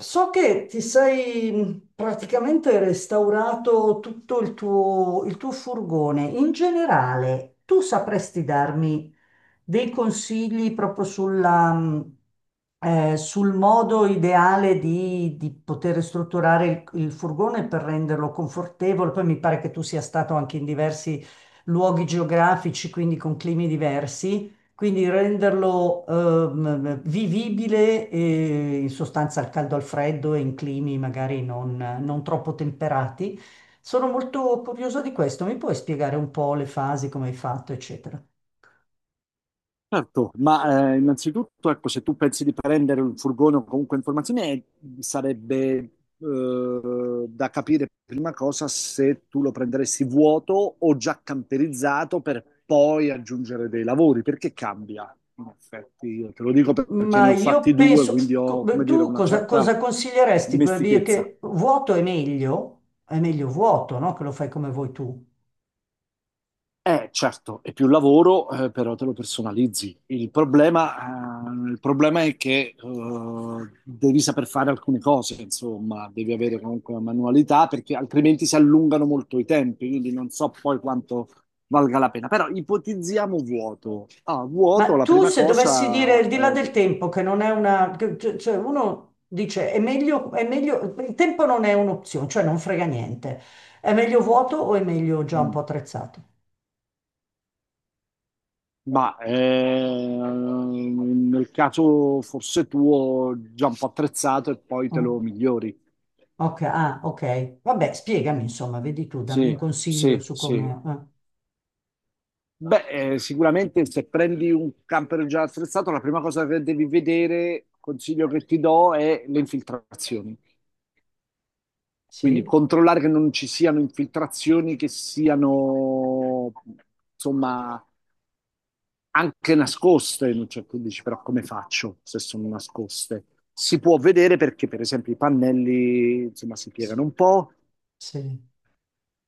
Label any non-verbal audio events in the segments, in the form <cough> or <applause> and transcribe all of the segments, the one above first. So che ti sei praticamente restaurato tutto il tuo furgone. In generale, tu sapresti darmi dei consigli proprio sul modo ideale di poter strutturare il furgone per renderlo confortevole? Poi mi pare che tu sia stato anche in diversi luoghi geografici, quindi con climi diversi. Quindi renderlo vivibile in sostanza al caldo al freddo e in climi magari non troppo temperati. Sono molto curioso di questo. Mi puoi spiegare un po' le fasi, come hai fatto, eccetera? Certo, innanzitutto, ecco, se tu pensi di prendere un furgone o comunque informazioni, sarebbe da capire prima cosa se tu lo prenderesti vuoto o già camperizzato per poi aggiungere dei lavori, perché cambia, in effetti. Io te lo dico perché ne Ma ho io fatti due, penso, quindi ho, come dire, tu una certa cosa consiglieresti per dire dimestichezza. che vuoto è meglio? È meglio vuoto, no? Che lo fai come vuoi tu. Certo, è più lavoro, però te lo personalizzi. Il problema è che devi saper fare alcune cose, insomma, devi avere comunque una manualità perché altrimenti si allungano molto i tempi, quindi non so poi quanto valga la pena. Però ipotizziamo vuoto. Ah, vuoto, Ma la tu prima se dovessi dire cosa, il di là del tempo, che non è una... cioè uno dice è meglio... Il tempo non è un'opzione, cioè non frega niente. È meglio vuoto o è meglio già un po' no. attrezzato? Ma nel caso forse tuo già un po' attrezzato e poi te Oh, lo migliori. ok, ah, ok. Vabbè, spiegami insomma, vedi tu, dammi un Sì, consiglio sì, su sì. come... Beh, sicuramente se prendi un camper già attrezzato, la prima cosa che devi vedere, consiglio che ti do, è le infiltrazioni. Quindi sì, controllare che non ci siano infiltrazioni che siano, insomma, anche nascoste. Non c'è, tu dici, però come faccio se sono nascoste? Si può vedere perché, per esempio, i pannelli, insomma, si S- piegano un po'. sì,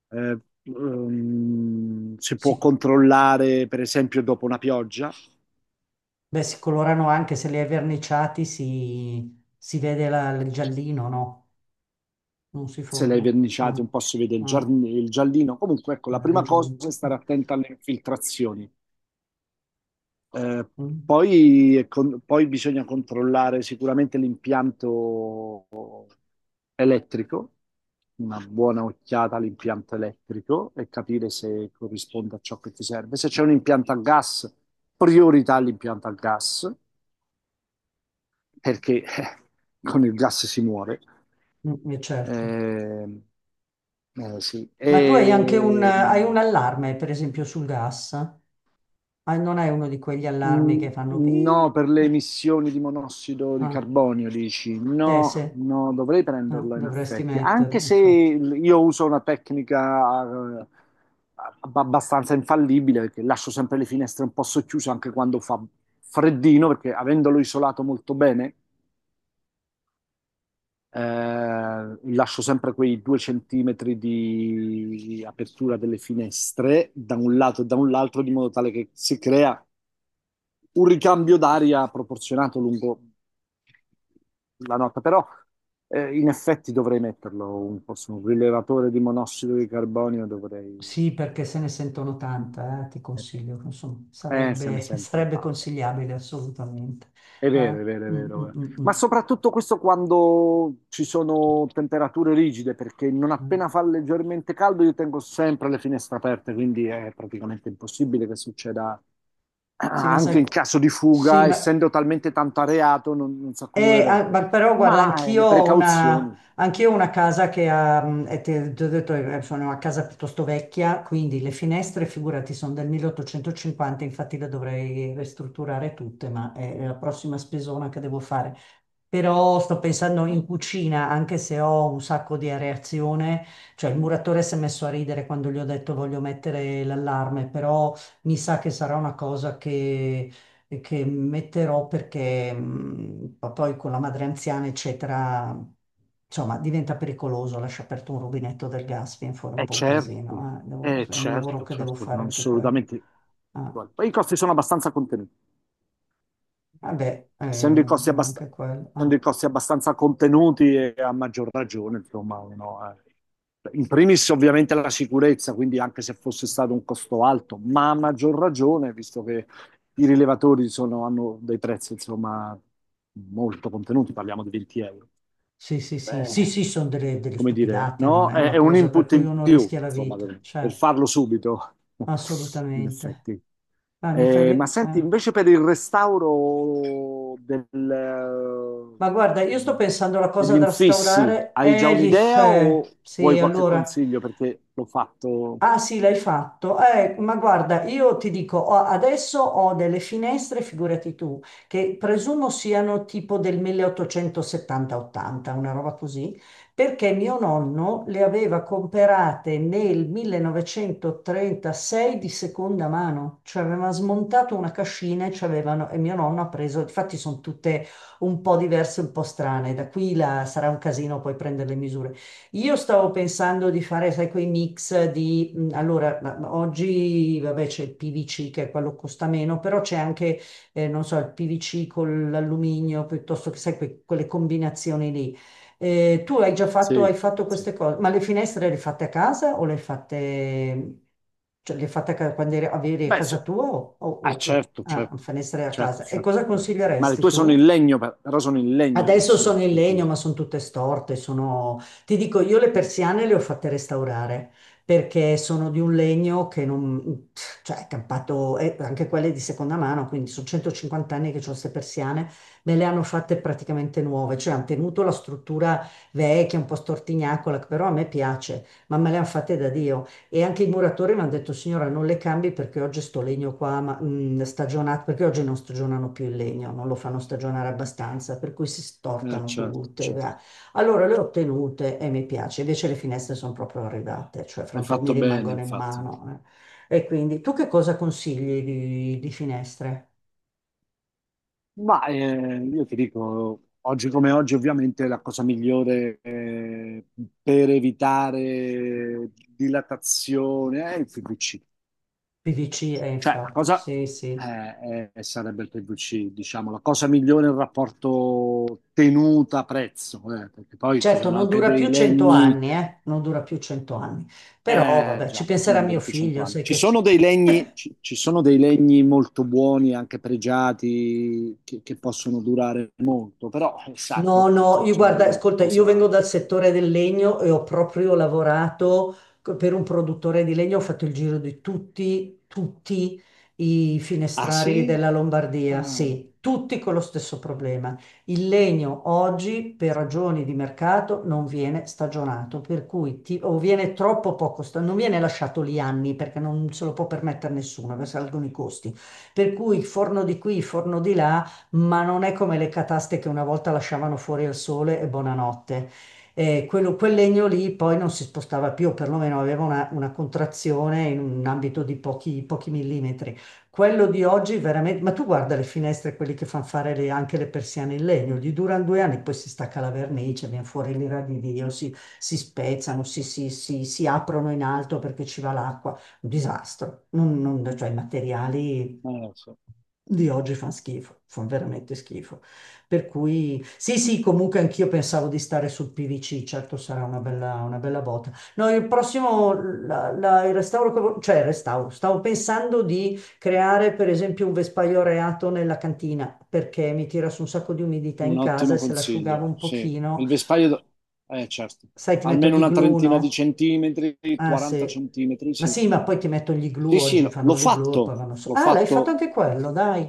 eh, si può sì. controllare, per esempio, dopo una pioggia, Beh, si colorano anche se li hai verniciati, si vede il giallino, no? Non si se l'hai forma. verniciato Ah, un po' si vede il, ah, il giallino. Comunque, ecco, la le prima cosa è giunte. stare attenta alle infiltrazioni. Eh, Mm. Poi, poi bisogna controllare sicuramente l'impianto elettrico, una buona occhiata all'impianto elettrico e capire se corrisponde a ciò che ti serve. Se c'è un impianto a gas, priorità all'impianto a gas, perché con il gas si muore. Mm, certo. Eh, sì. Ma tu hai anche un, hai un allarme, per esempio, sul gas? Ah, non hai uno di quegli allarmi Mm, che fanno... pi? No, per le No. emissioni di monossido di Ah, carbonio, dici? eh sì, No, no, dovrei prenderlo in dovresti effetti, anche metterlo, se infatti. io uso una tecnica eh, abbastanza infallibile, perché lascio sempre le finestre un po' socchiuse anche quando fa freddino, perché avendolo isolato molto bene, lascio sempre quei due centimetri di apertura delle finestre da un lato e da un altro, di modo tale che si crea un ricambio d'aria proporzionato lungo la nota, però in effetti dovrei metterlo un po' su un rilevatore di monossido di carbonio, dovrei... Sì, perché se ne sentono tanta, ti Eh, consiglio, insomma, Se ne sarebbe, <laughs> sentono sarebbe tante. consigliabile assolutamente. È Eh, vero, è vero, è mm, mm, vero. mm, Ma mm. soprattutto questo quando ci sono temperature rigide, perché non Eh, appena fa leggermente caldo io tengo sempre le finestre aperte, quindi è praticamente impossibile che succeda. Sì, Ah, ma anche sai... in caso di sì, fuga, ma essendo talmente tanto areato, non, non si accumulerebbe. ma però guarda, Le precauzioni, anch'io ho una casa che ha, ti ho detto, sono una casa piuttosto vecchia, quindi le finestre, figurati, sono del 1850, infatti le dovrei ristrutturare tutte, ma è la prossima spesona che devo fare. Però sto pensando in cucina, anche se ho un sacco di areazione, cioè il muratore si è messo a ridere quando gli ho detto voglio mettere l'allarme, però mi sa che sarà una cosa che metterò perché poi con la madre anziana, eccetera, insomma, diventa pericoloso lasciare aperto un rubinetto del gas, viene fuori un è po' un certo, casino. È È un lavoro certo, che devo certo, fare non anche quello. assolutamente. Ah, Poi i costi sono abbastanza contenuti. vabbè, essendo i costi era abbast- anche quello. Essendo Ah, i costi abbastanza contenuti e a maggior ragione, insomma, uno, in primis ovviamente la sicurezza, quindi anche se fosse stato un costo alto, ma a maggior ragione, visto che hanno dei prezzi, insomma, molto contenuti, parliamo di 20 euro. sì, sì, sì, sì, Beh, sì, sono delle come dire, stupidate, non no? è una È un cosa per input cui in uno più, rischia la insomma, vita, per certo, farlo subito, <laughs> in assolutamente. effetti. Ah, mi fai Ma vedere. senti, invece per il restauro Ma guarda, io sto pensando alla cosa degli da infissi, restaurare. hai già Gli un'idea fè. o Sì, vuoi qualche allora. consiglio? Perché l'ho fatto... Ah sì, l'hai fatto. Ma guarda, io ti dico, adesso ho delle finestre, figurati tu, che presumo siano tipo del 1870-80, una roba così, perché mio nonno le aveva comprate nel 1936 di seconda mano, cioè aveva smontato una cascina e mio nonno ha preso, infatti sono tutte un po' diverse, un po' strane, da qui sarà un casino poi prendere le misure. Io stavo pensando di fare, sai, quei mix allora, ma oggi, vabbè, c'è il PVC che è quello che costa meno, però non so, il PVC con l'alluminio, piuttosto che, sai, quelle combinazioni lì. Tu hai già fatto, Sì, hai fatto sì. queste cose, ma le hai fatte, quando avevi a Beh, casa se- tua ah, certo, ah, certo, finestre a certo, casa? E certo. cosa certo. Ma le consiglieresti tue sono in tu? legno, però sono in legno Adesso adesso, sono in le legno, ma tue. sono tutte storte. Sono... Ti dico, io le persiane le ho fatte restaurare perché sono di un legno che non... cioè è campato, e anche quelle di seconda mano, quindi sono 150 anni che ho queste persiane, me le hanno fatte praticamente nuove, cioè hanno tenuto la struttura vecchia, un po' stortignacola, che però a me piace, ma me le hanno fatte da Dio. E anche i muratori mi hanno detto, signora, non le cambi perché oggi sto legno qua, stagionato, perché oggi non stagionano più il legno, non lo fanno stagionare abbastanza, per cui si stortano Certo, tutte. certo. Va. Allora le ho tenute e mi piace, invece le finestre sono proprio arrivate, cioè fra Hai un po' mi fatto bene, rimangono in infatti. mano. Eh. E quindi tu che cosa consigli di finestre? Io ti dico, oggi come oggi, ovviamente la cosa migliore, per evitare dilatazione è il PVC. PVC, Cioè, la infatti, cosa sì, sì. Sarebbe il PVC, diciamo, la cosa migliore è il rapporto tenuta-prezzo, perché poi ci Certo, sono non anche dura dei più 100 legni. anni, eh? Non dura più 100 anni. Però Eh vabbè, ci già, penserà non mio dura più 100 figlio, anni. sai Ci che sono dei legni, ci sono dei legni molto buoni, anche pregiati, che possono durare molto, però sai, no, dopo no, io bisogna guarda, vedere che ascolta, io cosa... vengo dal settore del legno e ho proprio lavorato per un produttore di legno, ho fatto il giro di tutti i Ah finestrari sì? della Lombardia, Ah, sì, tutti con lo stesso problema. Il legno oggi, per ragioni di mercato, non viene stagionato, per cui o viene troppo poco, non viene lasciato lì anni perché non se lo può permettere nessuno, perché salgono i costi. Per cui forno di qui, forno di là ma non è come le cataste che una volta lasciavano fuori al sole e buonanotte. Quel legno lì poi non si spostava più, perlomeno aveva una contrazione in un ambito di pochi millimetri. Quello di oggi veramente, ma tu guarda le finestre, quelli che fanno fare anche le persiane in legno, gli durano due anni, poi si stacca la vernice, viene fuori l'ira di Dio, si spezzano, si aprono in alto perché ci va l'acqua un disastro. Cioè, i materiali sì. di oggi fanno schifo, fanno veramente schifo. Per cui, sì, sì, comunque anch'io pensavo di stare sul PVC, certo sarà una bella botta. No, il prossimo, il restauro, cioè il restauro, stavo pensando di creare per esempio un vespaio reato nella cantina, perché mi tira su un sacco di umidità in Un casa ottimo e se l'asciugavo consiglio, un sì. pochino, Eh certo, sai, ti metto almeno gli una glue, trentina di no? centimetri, Ah 40 centimetri, sì. sì, ma poi ti metto gli glue, oggi L'ho fanno gli glue e fatto, poi vanno su. l'ho Ah, l'hai fatto fatto anche quello, dai.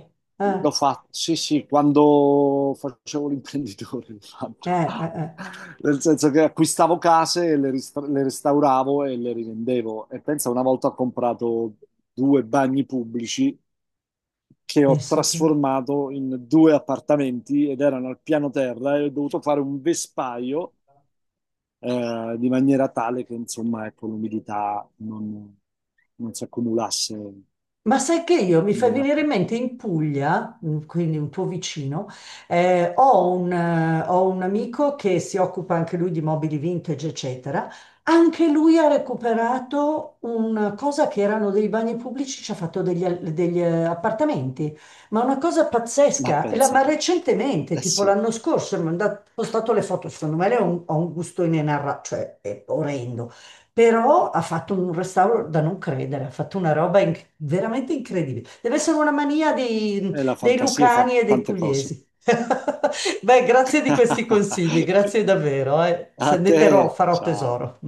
l'ho Eh, fatto, sì, sì, quando facevo l'imprenditore, l'ho fatto. Eh. Nel senso che acquistavo case, le restauravo e le rivendevo. E pensa, una volta ho comprato due bagni pubblici che ho Pensa te. trasformato in due appartamenti ed erano al piano terra e ho dovuto fare un vespaio, di maniera tale che, insomma, ecco, l'umidità non si accumulasse Ma sai che io mi fai nei venire in mattoni. mente in Puglia, mm, quindi un tuo vicino, ho un amico che si occupa anche lui di mobili vintage, eccetera. Anche lui ha recuperato una cosa che erano dei bagni pubblici, ci ha fatto degli, appartamenti, ma una cosa Ma pazzesca. Pensa Ma tu, recentemente, eh tipo sì. l'anno scorso, postato le foto, secondo me lei ha un gusto inenarrabile, cioè è orrendo però ha fatto un restauro da non credere, ha fatto una roba veramente incredibile. Deve essere una mania E la dei fantasia fa lucani e dei tante cose. pugliesi. <laughs> Beh, grazie di questi consigli, <laughs> grazie davvero, eh. Se A ne te, terrò, farò ciao. tesoro.